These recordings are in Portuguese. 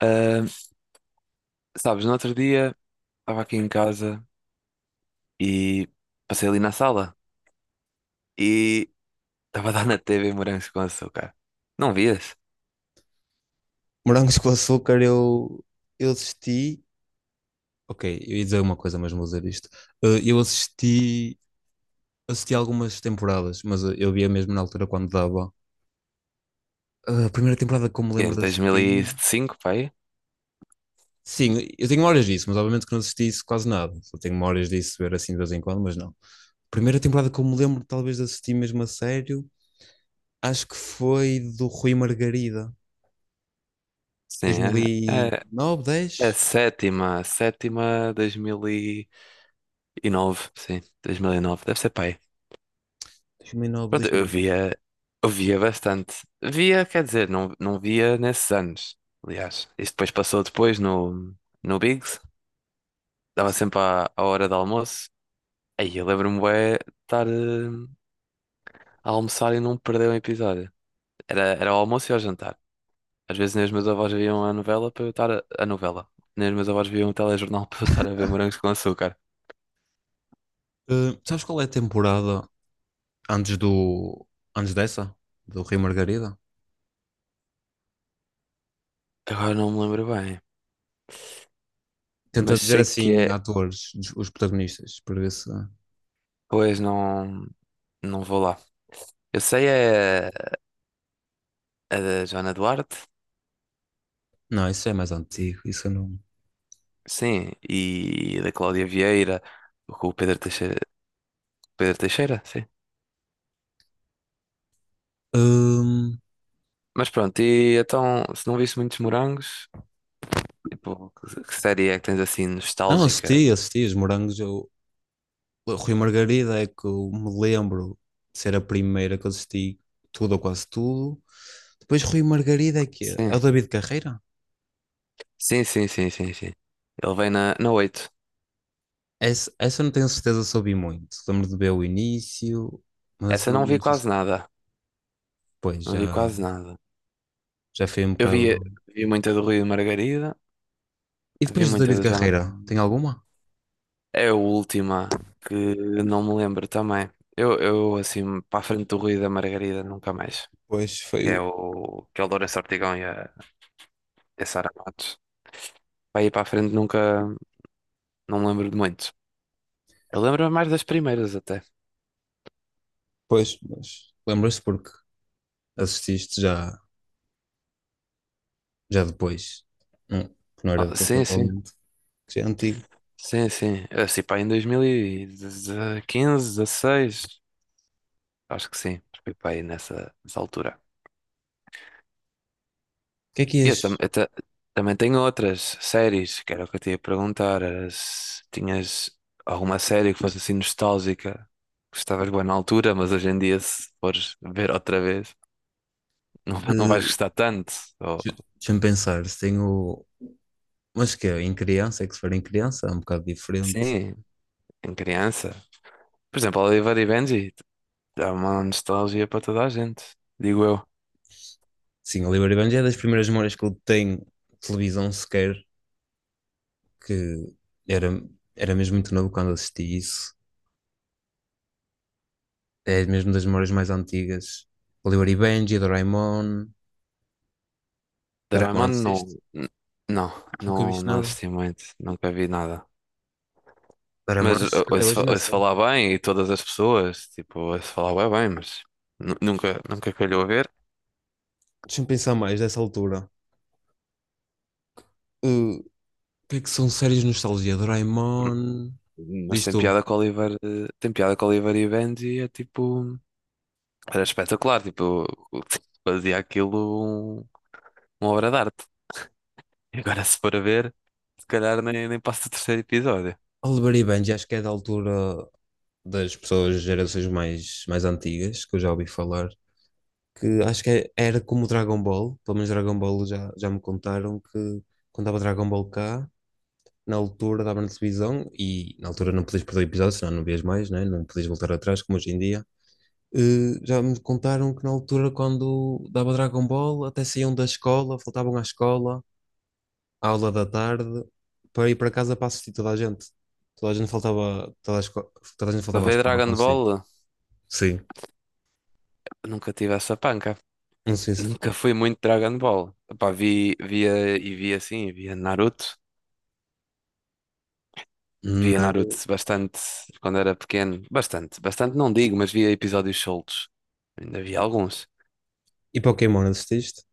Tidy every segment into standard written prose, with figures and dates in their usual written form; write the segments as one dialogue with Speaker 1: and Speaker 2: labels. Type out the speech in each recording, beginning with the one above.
Speaker 1: Ah, sabes, no outro dia estava aqui em casa e passei ali na sala e estava a dar na TV Morangos com Açúcar. Não vias?
Speaker 2: Morangos com açúcar, eu assisti. Ok, eu ia dizer uma coisa, mas vou dizer isto. Eu assisti, assisti algumas temporadas, mas eu via mesmo na altura quando dava. A primeira temporada que eu me
Speaker 1: É
Speaker 2: lembro
Speaker 1: de
Speaker 2: de
Speaker 1: dois mil e
Speaker 2: assistir.
Speaker 1: cinco, pai?
Speaker 2: Sim, eu tenho memórias disso, mas obviamente que não assisti isso quase nada. Só tenho memórias disso, ver assim de vez em quando, mas não. Primeira temporada que eu me lembro, talvez, de assistir mesmo a sério, acho que foi do Rui Margarida,
Speaker 1: Sim,
Speaker 2: dois mil e
Speaker 1: é, é,
Speaker 2: nove,
Speaker 1: é
Speaker 2: dez,
Speaker 1: sétima, sétima, dois mil e nove, sim, 2009 deve ser, pai.
Speaker 2: dois mil e nove,
Speaker 1: Pronto,
Speaker 2: dois mil.
Speaker 1: eu via bastante. Via, quer dizer, não, via nesses anos, aliás. Isso depois passou depois no, no Biggs, dava sempre à, à hora do almoço. Aí eu lembro-me bué de estar a almoçar e não perder um episódio. Era, era o almoço e ao jantar. Às vezes nem os meus avós viam a novela para eu estar a novela. Nem os meus avós viam o telejornal para eu estar a ver Morangos com Açúcar.
Speaker 2: Sabes qual é a temporada antes do antes dessa, do Rei Margarida.
Speaker 1: Agora não me lembro bem,
Speaker 2: Tenta
Speaker 1: mas
Speaker 2: dizer
Speaker 1: sei que
Speaker 2: assim
Speaker 1: é.
Speaker 2: atores, os protagonistas, para ver se.
Speaker 1: Pois não, não vou lá. Eu sei é a da Joana Duarte,
Speaker 2: Não, isso é mais antigo, isso eu não.
Speaker 1: sim, e a da Cláudia Vieira, com o Pedro Teixeira. Pedro Teixeira, sim.
Speaker 2: Hum,
Speaker 1: Mas pronto, e então, se não viste muitos morangos. Tipo, que série é que tens assim
Speaker 2: não,
Speaker 1: nostálgica?
Speaker 2: assisti, assisti os morangos. Eu... O Rei Margarida é que eu me lembro de ser a primeira que eu assisti tudo ou quase tudo. Depois Rui Margarida é que é. É
Speaker 1: Sim,
Speaker 2: o David Carreira?
Speaker 1: sim, sim, sim, sim, sim. Ele vem na, na oito.
Speaker 2: Essa eu não tenho certeza se ouvi muito. Lembro de ver o início, mas essa
Speaker 1: Essa
Speaker 2: não
Speaker 1: não
Speaker 2: me
Speaker 1: vi
Speaker 2: lembro se
Speaker 1: quase nada.
Speaker 2: depois
Speaker 1: Não vi
Speaker 2: já,
Speaker 1: quase nada.
Speaker 2: já foi um
Speaker 1: Eu vi,
Speaker 2: bocado.
Speaker 1: vi muita do Rui e Margarida,
Speaker 2: E
Speaker 1: vi
Speaker 2: depois do
Speaker 1: muita
Speaker 2: David
Speaker 1: da
Speaker 2: Carreira, tem
Speaker 1: Jonathan.
Speaker 2: alguma?
Speaker 1: É a última que não me lembro também. Eu assim, para a frente do Rui e da Margarida, nunca mais.
Speaker 2: Pois foi o.
Speaker 1: Que é o Lourenço Ortigão e a Sara Matos. Para ir para a frente nunca, não me lembro de muito. Eu lembro mais das primeiras até.
Speaker 2: Pois, mas lembras porque assististe já, já depois. Não, que não era do
Speaker 1: Ah,
Speaker 2: teu
Speaker 1: sim,
Speaker 2: tempo,
Speaker 1: sim.
Speaker 2: obviamente. Que já é antigo. O
Speaker 1: Sim, sim. É, assim, pá, em 2015, 16, acho que sim. Fui pá, aí nessa, nessa altura.
Speaker 2: que é que
Speaker 1: E eu,
Speaker 2: és?
Speaker 1: também tenho outras séries, que era o que eu te ia perguntar. Era se tinhas alguma série que fosse assim nostálgica, que estavas boa na altura, mas hoje em dia, se fores ver outra vez, não, não vais
Speaker 2: eh,
Speaker 1: gostar tanto. Ou,
Speaker 2: Deixa-me pensar. Se tenho. Mas que é, em criança, é que se for em criança, é um bocado diferente.
Speaker 1: sim, em criança. Por exemplo, Oliver e Benji, dá uma nostalgia para toda a gente, digo eu.
Speaker 2: Sim, Oliver e Benji é das primeiras memórias que eu tenho de televisão sequer, que era, era mesmo muito novo quando assisti isso. É mesmo das memórias mais antigas. Oliver e Benji, Doraemon. Doraemon
Speaker 1: Doraemon
Speaker 2: assististe?
Speaker 1: não. Não,
Speaker 2: Nunca
Speaker 1: não,
Speaker 2: viste
Speaker 1: não
Speaker 2: nada.
Speaker 1: assisti muito, nunca vi nada.
Speaker 2: Doraemon,
Speaker 1: Mas
Speaker 2: acho que até hoje
Speaker 1: ouço,
Speaker 2: ainda
Speaker 1: ouço
Speaker 2: são.
Speaker 1: falar bem e todas as pessoas, tipo, ouço falar bem, bem, mas nunca, nunca calhou a ver.
Speaker 2: Deixa-me pensar mais dessa altura. O que é que são séries de nostalgia? Doraemon.
Speaker 1: Mas
Speaker 2: Diz
Speaker 1: tem
Speaker 2: tu.
Speaker 1: piada com o Oliver, tem piada com o Oliver e Benji, é tipo, era espetacular, tipo, fazia uma obra de arte. E agora se for a ver, se calhar nem, nem passa o terceiro episódio.
Speaker 2: Oliver e Benji, acho que é da altura das pessoas, gerações mais, mais antigas, que eu já ouvi falar. Que acho que era como o Dragon Ball. Pelo menos Dragon Ball já, já me contaram que quando dava Dragon Ball cá, na altura dava na televisão e na altura não podias perder o episódio, senão não vias mais, né? Não podias voltar atrás, como hoje em dia. Já me contaram que na altura, quando dava Dragon Ball, até saíam da escola, faltavam à escola, à aula da tarde, para ir para casa para assistir toda a gente. Toda a gente faltava, toda a gente
Speaker 1: Para
Speaker 2: faltava à
Speaker 1: ver
Speaker 2: escola para
Speaker 1: Dragon
Speaker 2: assistir.
Speaker 1: Ball,
Speaker 2: Sim.
Speaker 1: nunca tive essa panca.
Speaker 2: Não sei se.
Speaker 1: Nunca fui muito Dragon Ball. Epá, vi, via e via assim, via Naruto. Via Naruto
Speaker 2: Naruto.
Speaker 1: bastante quando era pequeno. Bastante, bastante não digo, mas via episódios soltos. Ainda vi alguns.
Speaker 2: E Pokémon assististe?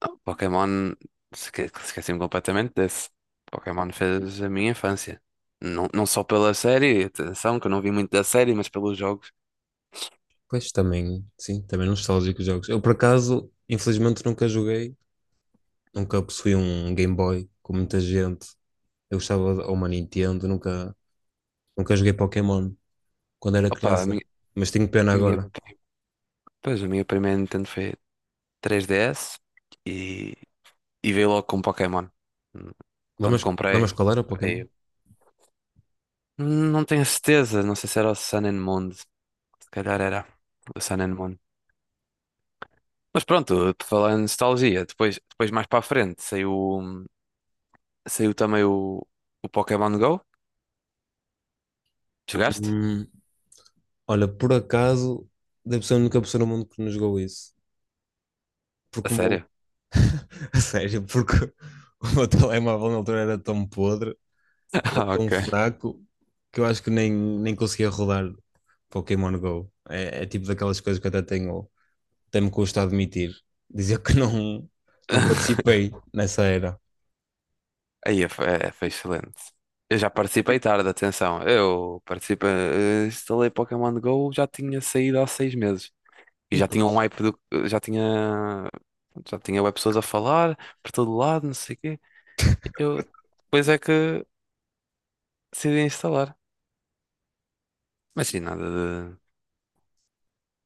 Speaker 1: Ah, Pokémon, esqueci-me completamente desse. Pokémon fez a minha infância. Não, não só pela série, atenção, que eu não vi muito da série, mas pelos jogos.
Speaker 2: Pois também, sim, também nostálgico os jogos. Eu, por acaso, infelizmente nunca joguei, nunca possuí um Game Boy com muita gente. Eu gostava de ou uma Nintendo, nunca, nunca joguei Pokémon quando era
Speaker 1: Opa, a minha,
Speaker 2: criança, mas tenho pena
Speaker 1: minha,
Speaker 2: agora.
Speaker 1: pois, a minha primeira Nintendo foi 3DS e, e veio logo com Pokémon. Hum, Quando
Speaker 2: Lembras, lembras
Speaker 1: comprei,
Speaker 2: qual era o Pokémon?
Speaker 1: veio. Não tenho certeza, não sei se era o Sun and Moon, se calhar era o Sun and Moon. Mas pronto, por falar em nostalgia, depois, depois mais para a frente saiu, saiu também o Pokémon Go. Jogaste?
Speaker 2: Hum, olha, por acaso, deve ser a única pessoa no mundo que nos jogou isso.
Speaker 1: A
Speaker 2: Porque o meu,
Speaker 1: sério?
Speaker 2: a sério, porque o meu telemóvel na altura era tão podre, era
Speaker 1: Ah,
Speaker 2: tão
Speaker 1: ok.
Speaker 2: fraco, que eu acho que nem, nem conseguia rodar Pokémon Go. É, é tipo daquelas coisas que eu até tenho. Até me custa admitir, dizer que não, não participei nessa era.
Speaker 1: Aí foi, é, foi excelente. Eu já participei tarde, atenção. Eu participei, instalei Pokémon Go, já tinha saído há seis meses. E
Speaker 2: E
Speaker 1: já tinha
Speaker 2: pois,
Speaker 1: um hype do, já tinha, já tinha web pessoas a falar por todo lado, não sei o quê. Eu depois é que decidi instalar. Mas sim, nada de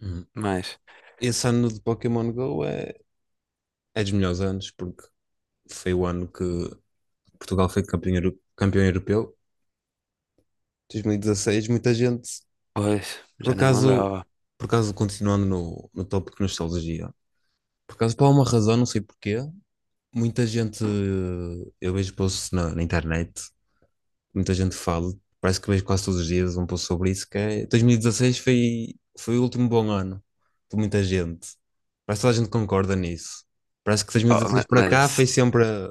Speaker 2: hum,
Speaker 1: mais.
Speaker 2: esse ano de Pokémon Go é, é dos melhores anos, porque foi o ano que Portugal foi campeão, campeão europeu, 2016, muita gente,
Speaker 1: Pois,
Speaker 2: por
Speaker 1: já nem me
Speaker 2: acaso,
Speaker 1: lembrava.
Speaker 2: por acaso continuando no, no tópico nostalgia, por acaso por alguma razão, não sei porquê, muita gente eu vejo posts na, na internet muita gente fala, parece que vejo quase todos os dias um pouco sobre isso, que é 2016 foi, foi o último bom ano de muita gente. Parece que toda a gente concorda nisso. Parece que
Speaker 1: Oh,
Speaker 2: 2016 para cá foi
Speaker 1: mas,
Speaker 2: sempre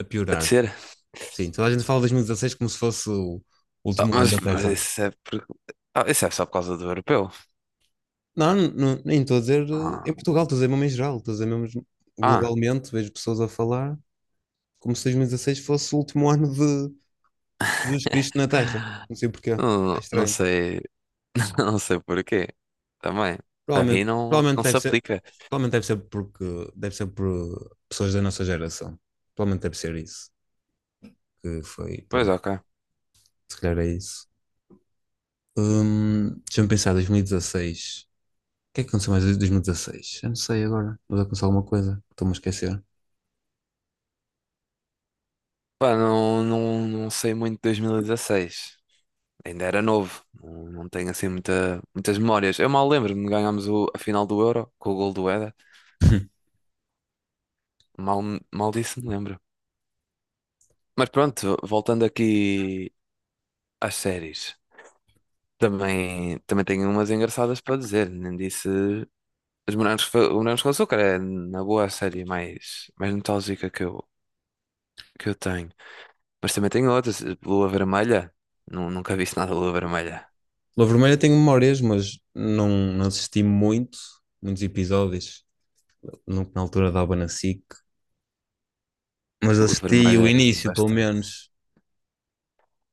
Speaker 2: a
Speaker 1: a
Speaker 2: piorar.
Speaker 1: descer?
Speaker 2: Sim, toda a gente fala de 2016 como se fosse o
Speaker 1: Oh,
Speaker 2: último ano da
Speaker 1: mas
Speaker 2: Terra.
Speaker 1: isso é por... Ah, isso é só por causa do europeu.
Speaker 2: Não, nem estou a dizer
Speaker 1: Ah,
Speaker 2: em Portugal, estou a dizer mesmo em geral, estou a dizer mesmo
Speaker 1: ah.
Speaker 2: globalmente, vejo pessoas a falar como se 2016 fosse o último ano de Jesus Cristo na Terra. Não sei porquê, é
Speaker 1: Não, não
Speaker 2: estranho.
Speaker 1: sei, não sei porquê. Também, para mim
Speaker 2: Provavelmente,
Speaker 1: não, não se aplica.
Speaker 2: provavelmente deve ser porque deve ser por pessoas da nossa geração. Provavelmente deve ser isso. Que foi,
Speaker 1: Pois,
Speaker 2: pronto,
Speaker 1: ok.
Speaker 2: se calhar é isso. Deixa-me pensar, 2016. O que é que aconteceu mais em 2016? Eu não sei agora. Vou aconteceu alguma coisa. Estou-me a esquecer.
Speaker 1: Pá, não, não, não sei muito de dois mil e dezasseis. Ainda era novo. Não, não tenho assim muita, muitas memórias. Eu mal lembro-me de ganharmos o, a final do Euro com o gol do Éder. Mal, mal disso me lembro. Mas pronto, voltando aqui às séries. Também, também tenho umas engraçadas para dizer. Nem disse. Os Morangos, o Morangos com Açúcar é, na boa, a série mais, mais nostálgica que eu tenho. Mas também tenho outras. Lua Vermelha. Nunca vi nada de Lua Vermelha.
Speaker 2: Lua Vermelha tenho memórias, mas não, não assisti muito, muitos episódios. Nunca na altura dava na SIC. Mas
Speaker 1: Lua
Speaker 2: assisti o
Speaker 1: Vermelha vi
Speaker 2: início, pelo
Speaker 1: bastante.
Speaker 2: menos.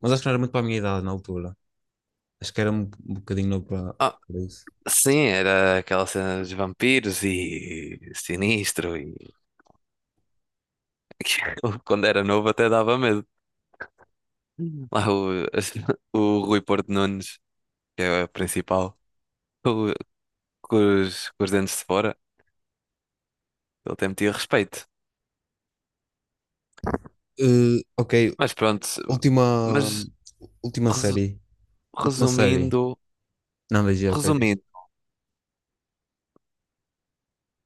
Speaker 2: Mas acho que não era muito para a minha idade na altura. Acho que era um, um bocadinho novo para,
Speaker 1: Ah,
Speaker 2: para isso.
Speaker 1: sim, era aquela cena dos vampiros e sinistro. E... aquilo, quando era novo até dava medo. Lá o, o Rui Porto Nunes, que é o principal, com, com os dentes de fora, ele até metia respeito.
Speaker 2: Eh, ok,
Speaker 1: Mas pronto,
Speaker 2: última,
Speaker 1: mas
Speaker 2: última
Speaker 1: resu-
Speaker 2: série. Última série.
Speaker 1: resumindo,
Speaker 2: Não vejo, ok, diz.
Speaker 1: resumindo,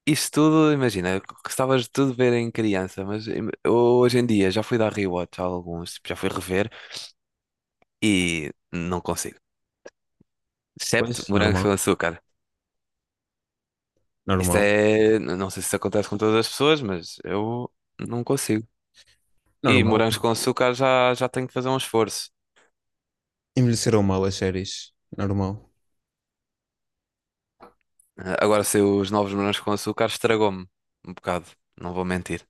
Speaker 1: isto tudo, imagina, gostavas de tudo ver em criança, mas hoje em dia já fui dar rewatch a alguns, tipo, já fui rever e não consigo. Excepto
Speaker 2: Pois,
Speaker 1: morangos com
Speaker 2: normal,
Speaker 1: açúcar. Isto
Speaker 2: normal,
Speaker 1: é, não sei se isso acontece com todas as pessoas, mas eu não consigo. E
Speaker 2: normal,
Speaker 1: morangos com
Speaker 2: porque
Speaker 1: açúcar já, já tenho que fazer um esforço.
Speaker 2: envelheceram mal as séries. Normal.
Speaker 1: Ah, agora sei os novos morangos com açúcar estragou-me um bocado, não vou mentir.